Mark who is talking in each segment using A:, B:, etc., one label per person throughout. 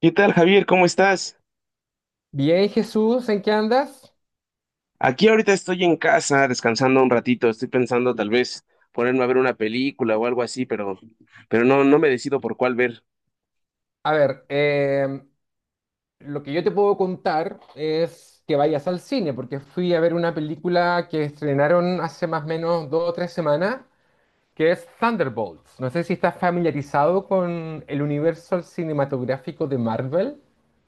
A: ¿Qué tal, Javier? ¿Cómo estás?
B: Bien, Jesús, ¿en qué andas?
A: Aquí ahorita estoy en casa descansando un ratito. Estoy pensando tal vez ponerme a ver una película o algo así, pero no me decido por cuál ver.
B: A ver, lo que yo te puedo contar es que vayas al cine, porque fui a ver una película que estrenaron hace más o menos dos o tres semanas, que es Thunderbolts. No sé si estás familiarizado con el universo cinematográfico de Marvel,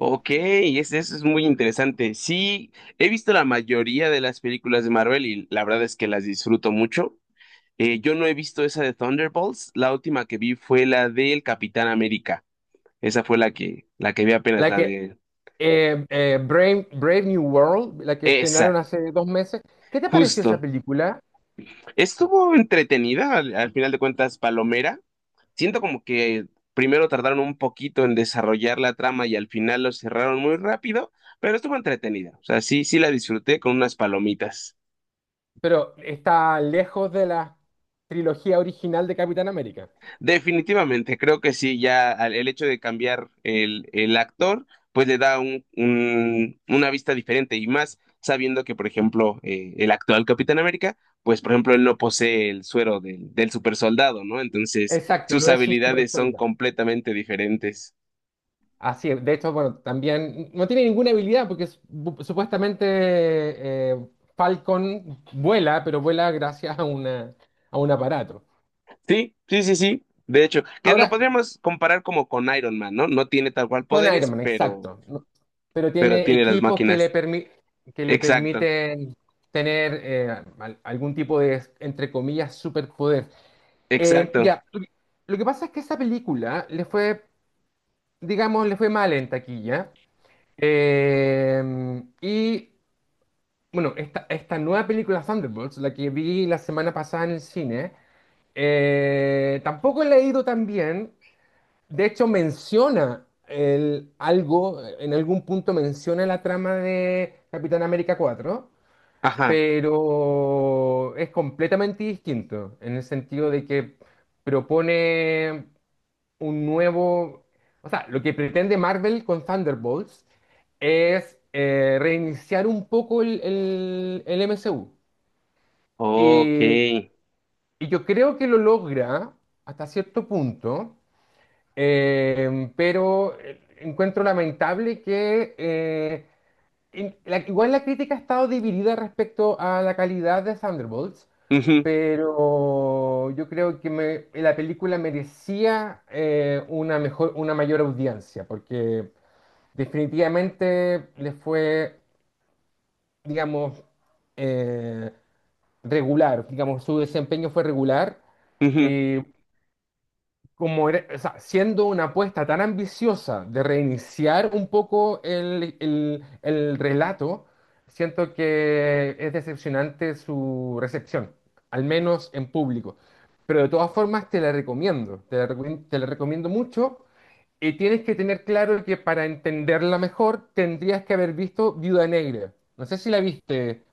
A: Ok, eso es muy interesante. Sí, he visto la mayoría de las películas de Marvel y la verdad es que las disfruto mucho. Yo no he visto esa de Thunderbolts. La última que vi fue la del Capitán América. Esa fue la que vi apenas,
B: la
A: la
B: que
A: de
B: Brave New World, la que estrenaron
A: esa,
B: hace dos meses. ¿Qué te pareció esa
A: justo.
B: película?
A: Estuvo entretenida, al final de cuentas, Palomera siento como que primero tardaron un poquito en desarrollar la trama y al final lo cerraron muy rápido, pero estuvo entretenida. O sea, sí, sí la disfruté con unas palomitas.
B: Pero está lejos de la trilogía original de Capitán América.
A: Definitivamente, creo que sí, ya el hecho de cambiar el, actor, pues le da una vista diferente y más sabiendo que, por ejemplo, el actual Capitán América, pues, por ejemplo, él no posee el suero del super soldado, ¿no? Entonces,
B: Exacto,
A: sus
B: no es un super
A: habilidades son
B: soldado.
A: completamente diferentes.
B: Así es. De hecho, bueno, también no tiene ninguna habilidad porque supuestamente eh, Falcon vuela, pero vuela gracias a a un aparato.
A: Sí, sí, sí, sí. De hecho, que lo
B: Ahora,
A: podríamos comparar como con Iron Man, ¿no? No tiene tal cual
B: con Iron
A: poderes,
B: Man,
A: pero,
B: exacto. Pero
A: pero sí,
B: tiene
A: tiene las
B: equipos que
A: máquinas.
B: que le
A: Exacto,
B: permiten tener algún tipo de, entre comillas, superpoder. Eh,
A: exacto.
B: ya, lo que lo que pasa es que esa película le fue mal en taquilla. Eh, y Bueno, esta nueva película Thunderbolts, la que vi la semana pasada en el cine, tampoco la he ido tan bien. De hecho, en algún punto menciona la trama de Capitán América 4,
A: Ajá.
B: pero es completamente distinto en el sentido de que propone un nuevo... O sea, lo que pretende Marvel con Thunderbolts es reiniciar un poco el MCU.
A: Ok.
B: Y, y yo creo que lo logra hasta cierto punto, encuentro lamentable que igual la crítica ha estado dividida respecto a la calidad de Thunderbolts,
A: Ujú,
B: pero yo creo que la película merecía una mayor audiencia, porque definitivamente digamos, eh, regular, digamos, su desempeño fue regular.
A: ujú.
B: eh, o sea, siendo una apuesta tan ambiciosa de reiniciar un poco el relato, siento que es decepcionante su recepción, al menos en público. Pero de todas formas te la recomiendo mucho. Y tienes que tener claro que para entenderla mejor tendrías que haber visto Viuda Negra. No sé si la viste.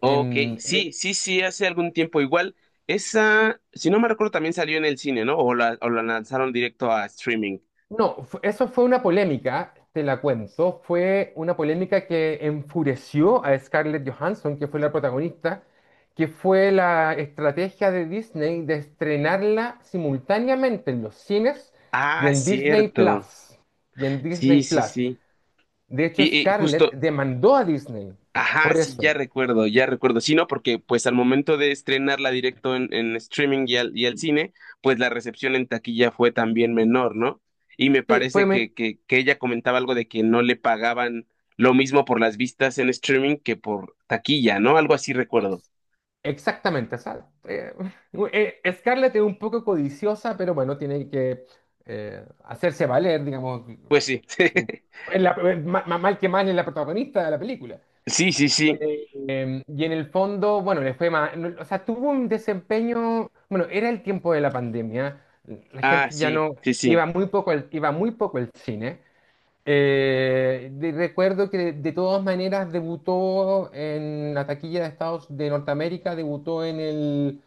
A: Ok, sí, sí, sí, hace algún tiempo igual. Esa, si no me recuerdo, también salió en el cine, ¿no? O la lanzaron directo a streaming.
B: No, eso fue una polémica, te la cuento. Fue una polémica que enfureció a Scarlett Johansson, que fue la protagonista, que fue la estrategia de Disney de estrenarla simultáneamente en los cines y
A: Ah,
B: en Disney
A: cierto.
B: Plus. Y en
A: Sí,
B: Disney
A: sí,
B: Plus.
A: sí.
B: De hecho,
A: Y
B: Scarlett
A: justo.
B: demandó a Disney
A: Ajá,
B: por
A: sí,
B: eso.
A: ya recuerdo, ya recuerdo. Sí, no, porque pues al momento de estrenarla directo en, streaming y al cine, pues la recepción en taquilla fue también menor, ¿no? Y me
B: Sí,
A: parece
B: fue me-
A: que ella comentaba algo de que no le pagaban lo mismo por las vistas en streaming que por taquilla, ¿no? Algo así recuerdo.
B: Exactamente, o sea, Scarlett es un poco codiciosa, pero bueno, tiene que hacerse valer, digamos,
A: Pues sí,
B: su, es la- ma- ma- mal que mal es la protagonista de la película.
A: sí, sí, sí.
B: Y en el fondo, bueno, le fue más, no, o sea, tuvo un desempeño, bueno, era el tiempo de la pandemia, la
A: Ah,
B: gente ya
A: sí,
B: no,
A: sí, sí.
B: iba muy poco iba muy poco al cine, recuerdo que de todas maneras debutó en la taquilla de Estados de Norteamérica, debutó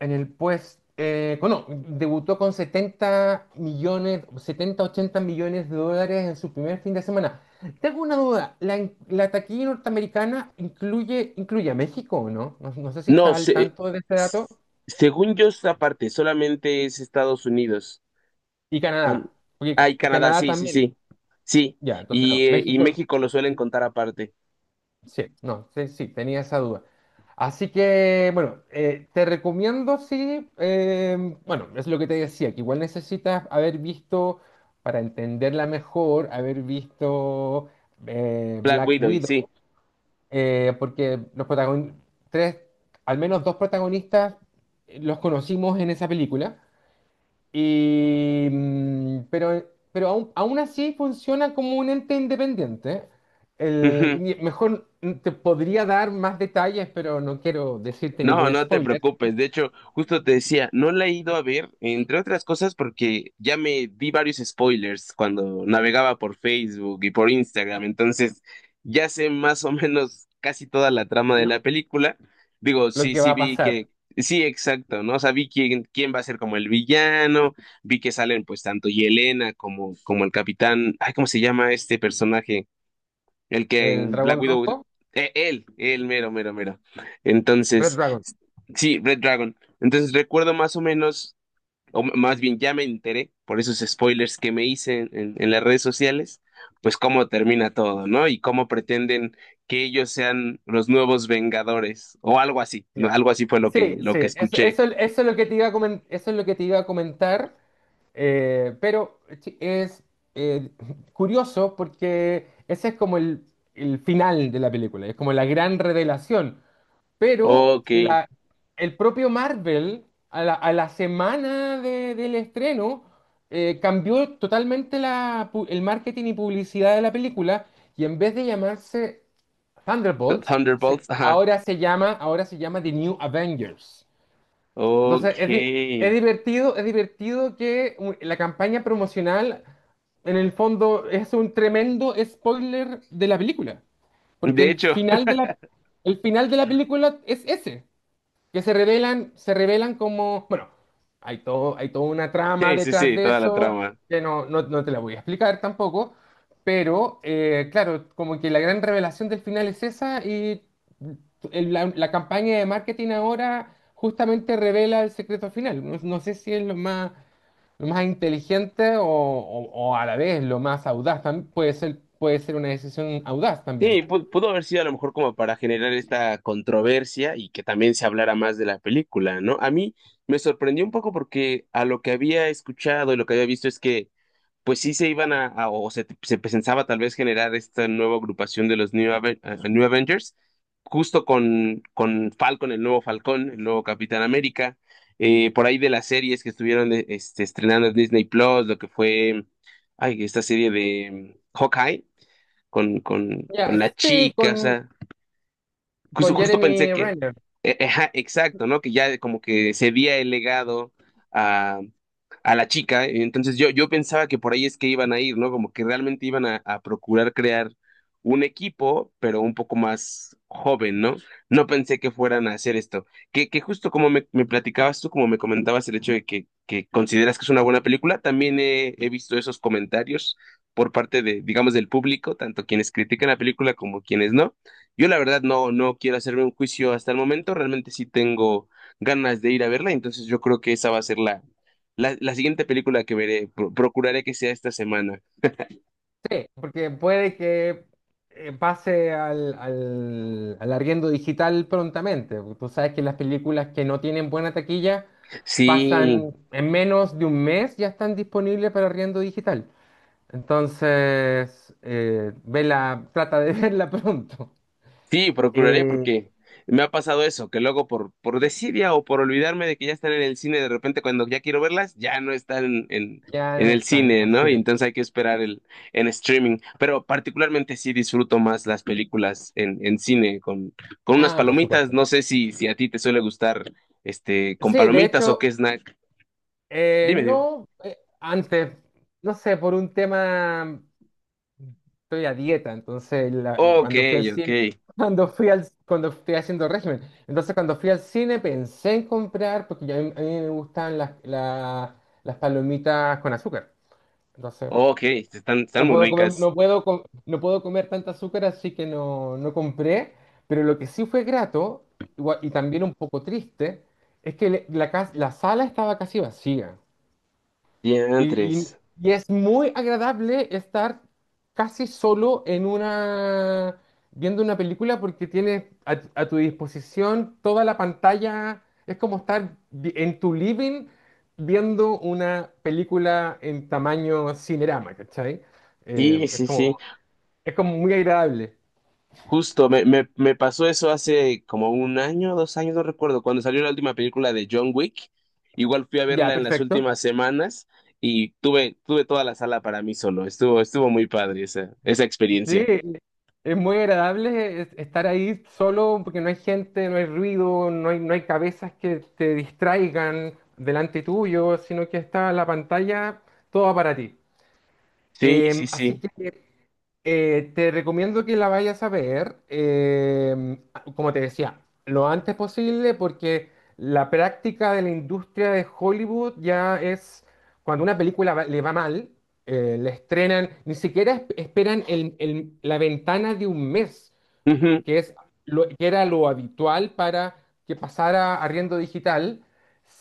B: en el pues, bueno, debutó con 70 80 millones de dólares en su primer fin de semana. Tengo una duda, ¿ la taquilla norteamericana incluye, incluye a México o no? No, no sé si
A: No,
B: está al tanto de este dato.
A: s- según yo, esta parte solamente es Estados Unidos.
B: Y
A: Ay,
B: Canadá, porque
A: Ah, y Canadá,
B: Canadá
A: sí, sí,
B: también.
A: sí. Sí.
B: Ya, entonces no,
A: Y
B: México.
A: México lo suelen contar aparte.
B: Sí, no, sí, sí, tenía esa duda. Así que, bueno, te recomiendo, sí, bueno, es lo que te decía, que igual necesitas haber visto, para entenderla mejor, haber visto
A: Black
B: Black
A: Widow, y sí.
B: Widow, porque los protagonistas, tres, al menos dos protagonistas, los conocimos en esa película. Y, mm, pero aún así funciona como un ente independiente. El,
A: Ujú.
B: ni- Mejor mm, te podría dar más detalles, pero no quiero decirte
A: No,
B: ningún
A: no te
B: spoiler.
A: preocupes. De hecho, justo te decía, no la he ido a ver, entre otras cosas, porque ya me vi varios spoilers cuando navegaba por Facebook y por Instagram. Entonces, ya sé más o menos casi toda la trama de
B: Lo,
A: la película. Digo,
B: lo
A: sí,
B: que
A: sí
B: va a
A: vi
B: pasar.
A: que, sí, exacto, ¿no? O sea, vi quién va a ser como el villano, vi que salen pues tanto Yelena como, el capitán, ay, ¿cómo se llama este personaje? El que
B: El
A: en Black
B: dragón
A: Widow,
B: rojo,
A: él, mero, mero, mero.
B: Red
A: Entonces,
B: Dragon.
A: sí, Red Dragon. Entonces recuerdo más o menos, más bien ya me enteré por esos spoilers que me hice en las redes sociales, pues cómo termina todo, ¿no? Y cómo pretenden que ellos sean los nuevos Vengadores o algo así, ¿no?
B: Ya.
A: Algo así fue lo
B: Sí,
A: que, lo
B: sí,
A: que escuché.
B: eso es lo que te iba a comen- eso es lo que te iba a comentar, pero chi- es eh, curioso porque ese es como el final de la película, es como la gran revelación. Pero
A: Ok,
B: la, el propio Marvel, a la semana del estreno, cambió totalmente la pu- el marketing y publicidad de la película y en vez de llamarse Thunderbolts,
A: Thunderbolts, ajá.
B: ahora se llama The New Avengers. Entonces,
A: Ok.
B: es, di- es divertido que la campaña promocional, en el fondo, es un tremendo spoiler de la película. Porque
A: De hecho,
B: el final de la película es ese que se revelan como, bueno, hay toda una trama
A: sí, sí,
B: detrás
A: sí,
B: de
A: toda la
B: eso
A: trama.
B: que no te la voy a explicar tampoco, pero claro, como que la gran revelación del final es esa y la campaña de marketing ahora justamente revela el secreto final. No, no sé si es lo más inteligente o, o a la vez lo más audaz, puede ser una decisión audaz también.
A: Sí, pudo haber sido a lo mejor como para generar esta controversia y que también se hablara más de la película, ¿no? A mí me sorprendió un poco porque a lo que había escuchado y lo que había visto es que pues sí se iban o se pensaba tal vez generar esta nueva agrupación de los New Avengers, justo con, Falcon, el nuevo Falcón, el nuevo Capitán América, por ahí de las series que estuvieron estrenando en Disney Plus, lo que fue, ay, esta serie de Hawkeye con
B: Ya,
A: la
B: sí,
A: chica, o sea, Justo,
B: con
A: justo pensé
B: Jeremy
A: que,
B: Renner.
A: ajá, exacto, ¿no? Que ya como que se había el legado a, a la chica, y entonces yo pensaba que por ahí es que iban a ir, ¿no? Como que realmente iban a procurar crear un equipo, pero un poco más joven, ¿no? No pensé que fueran a hacer esto. Que justo como me platicabas tú, como me comentabas el hecho de que consideras que es una buena película, también he visto esos comentarios por parte de, digamos, del público, tanto quienes critican la película como quienes no. Yo la verdad no quiero hacerme un juicio hasta el momento, realmente sí tengo ganas de ir a verla, entonces yo creo que esa va a ser la siguiente película que veré, procuraré que sea esta semana.
B: Porque puede que pase al arriendo digital prontamente. Tú sabes que las películas que no tienen buena taquilla
A: Sí,
B: pasan en menos de un mes, ya están disponibles para arriendo digital. Entonces, vela, trata de verla pronto.
A: Sí, procuraré
B: Eh,
A: porque me ha pasado eso, que luego por desidia o por olvidarme de que ya están en el cine, de repente cuando ya quiero verlas, ya no están en,
B: ya
A: en
B: no
A: el
B: están,
A: cine,
B: así
A: ¿no? Y
B: es.
A: entonces hay que esperar el, en streaming. Pero particularmente sí disfruto más las películas en, cine con unas
B: Ah, por
A: palomitas.
B: supuesto.
A: No sé si a ti te suele gustar este con
B: Sí, de
A: palomitas o
B: hecho,
A: qué snack.
B: eh,
A: Dime, dime.
B: no, eh, antes, no sé, por un tema estoy a dieta, entonces
A: Ok,
B: cuando fui al
A: ok,
B: cine, cuando fui al, cuando estoy haciendo régimen, entonces cuando fui al cine pensé en comprar, porque a mí me gustan las palomitas con azúcar, entonces
A: ok, están
B: no
A: muy
B: puedo comer,
A: ricas.
B: no puedo comer tanta azúcar, así que no, no compré, pero lo que sí fue grato, y también un poco triste, es que la sala estaba casi vacía. Y,
A: Diantres.
B: y- y es muy agradable estar casi solo en una, viendo una película porque tienes a tu disposición toda la pantalla. Es como estar en tu living viendo una película en tamaño Cinerama, ¿cachai?
A: Sí,
B: Eh, es
A: sí, sí.
B: como, es como muy agradable.
A: Justo, me pasó eso hace como un año, dos años, no recuerdo, cuando salió la última película de John Wick. Igual fui a
B: Ya,
A: verla en las
B: perfecto.
A: últimas semanas y tuve toda la sala para mí solo. Estuvo muy padre esa
B: Sí,
A: experiencia.
B: es muy agradable estar ahí solo porque no hay gente, no hay ruido, no hay cabezas que te distraigan delante tuyo, sino que está la pantalla toda para ti.
A: Sí, sí,
B: Así
A: sí.
B: que te recomiendo que la vayas a ver, como te decía, lo antes posible porque la práctica de la industria de Hollywood ya es cuando una película le va mal, la estrenan, ni siquiera esperan la ventana de un mes
A: Ujú.
B: que es lo, que era lo habitual para que pasara a arriendo digital,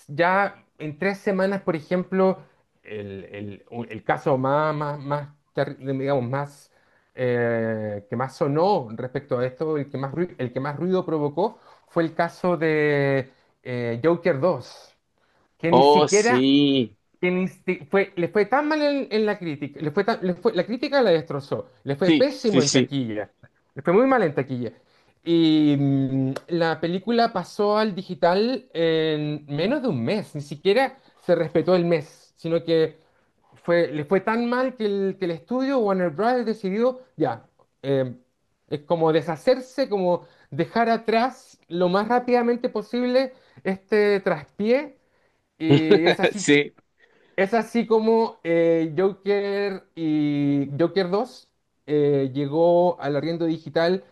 B: ya en tres semanas, por ejemplo, el caso más, más, más digamos, más, que más sonó respecto a esto, el que más ruido, el que más ruido provocó, fue el caso de Joker 2 que ni
A: Oh,
B: siquiera
A: sí.
B: le fue tan mal en la crítica, le fue tan- le fue- la crítica la destrozó, le fue
A: Sí, sí,
B: pésimo en
A: sí.
B: taquilla, le fue muy mal en taquilla. Y mm, la película pasó al digital en menos de un mes, ni siquiera se respetó el mes, sino que le fue tan mal que que el estudio Warner Bros. Decidió ya, eh, es como deshacerse, como dejar atrás lo más rápidamente posible este traspié. Y es así
A: Sí.
B: es así como Joker y Joker 2 llegó al arriendo digital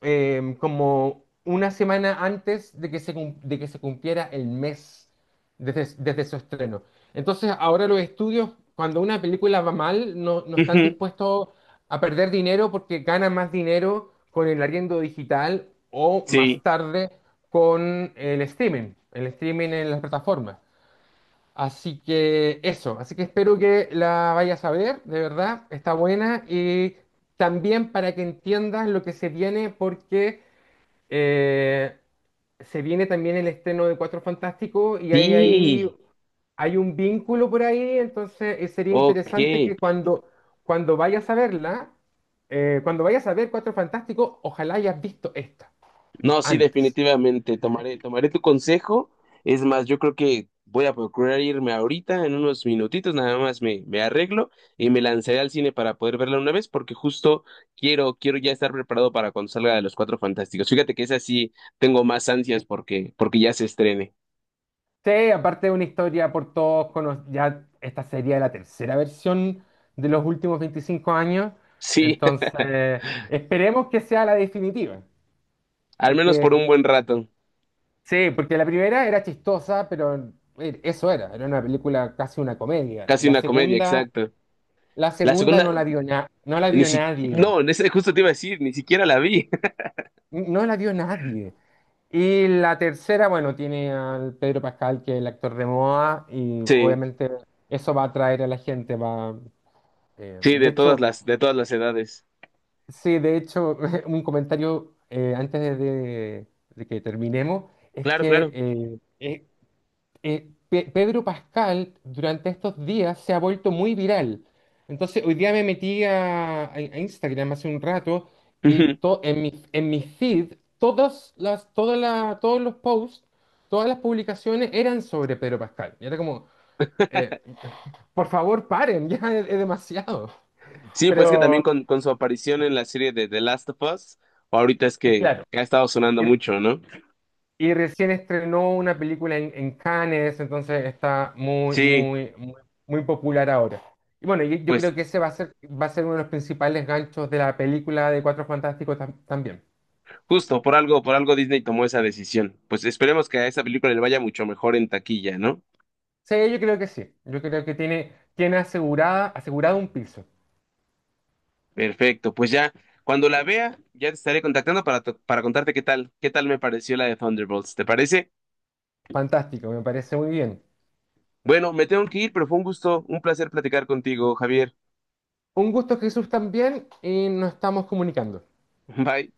B: como una semana antes de que de que se cumpliera el mes desde su estreno. Entonces, ahora los estudios, cuando una película va mal, no, no están
A: Ujú.
B: dispuestos a perder dinero porque ganan más dinero con el arriendo digital o más
A: Sí.
B: tarde con el streaming en las plataformas. Así que eso, así que espero que la vayas a ver, de verdad, está buena y también para que entiendas lo que se viene porque eh, se viene también el estreno de Cuatro Fantásticos y
A: Sí.
B: hay un vínculo por ahí, entonces sería
A: Ok.
B: interesante que cuando vayas a verla, cuando vayas a ver Cuatro Fantásticos, ojalá hayas visto esta
A: No, sí,
B: antes.
A: definitivamente, tomaré, tomaré tu consejo. Es más, yo creo que voy a procurar irme ahorita, en unos minutitos, nada más me arreglo y me lanzaré al cine para poder verla una vez, porque justo quiero ya estar preparado para cuando salga de Los Cuatro Fantásticos. Fíjate que esa sí tengo más ansias porque, porque ya se estrene.
B: Sí, aparte de una historia por todos conocida, ya esta sería la tercera versión de los últimos 25 años,
A: Sí,
B: entonces esperemos que sea la definitiva,
A: al menos por
B: porque
A: un buen rato.
B: sí, porque la primera era chistosa, pero era una película casi una comedia.
A: Casi
B: La
A: una comedia,
B: segunda,
A: exacto. La segunda,
B: no la
A: ni
B: vio
A: si,
B: nadie,
A: no, justo te iba a decir, ni siquiera la vi.
B: no la vio nadie. Y la tercera, bueno, tiene al Pedro Pascal, que es el actor de Moa y
A: Sí,
B: obviamente eso va a atraer a la gente, va. Eh,
A: sí,
B: de
A: de todas
B: hecho,
A: las, de todas las edades.
B: sí, de hecho, un comentario de que terminemos es
A: Claro,
B: que
A: claro.
B: Pedro Pascal durante estos días se ha vuelto muy viral. Entonces, hoy día me metí a Instagram hace un rato y
A: Ujú.
B: en mi feed, todas las, todas la- todos los posts, todas las publicaciones eran sobre Pedro Pascal. Y era como, eh, por favor, paren, ya es demasiado.
A: Sí, pues que también
B: Pero,
A: con su aparición en la serie de The Last of Us, ahorita es que
B: claro.
A: ha estado sonando mucho, ¿no?
B: Y recién estrenó una película en Cannes, entonces está
A: Sí,
B: muy popular ahora. Y bueno, y yo
A: pues
B: creo que ese va a ser uno de los principales ganchos de la película de Cuatro Fantásticos también.
A: justo por algo Disney tomó esa decisión. Pues esperemos que a esa película le vaya mucho mejor en taquilla, ¿no?
B: Sí, yo creo que sí. Yo creo que asegurado un piso.
A: Perfecto, pues ya, cuando la vea, ya te estaré contactando para contarte qué tal me pareció la de Thunderbolts, ¿te parece?
B: Fantástico, me parece muy bien.
A: Bueno, me tengo que ir, pero fue un gusto, un placer platicar contigo, Javier.
B: Un gusto, Jesús, también, y nos estamos comunicando.
A: Bye.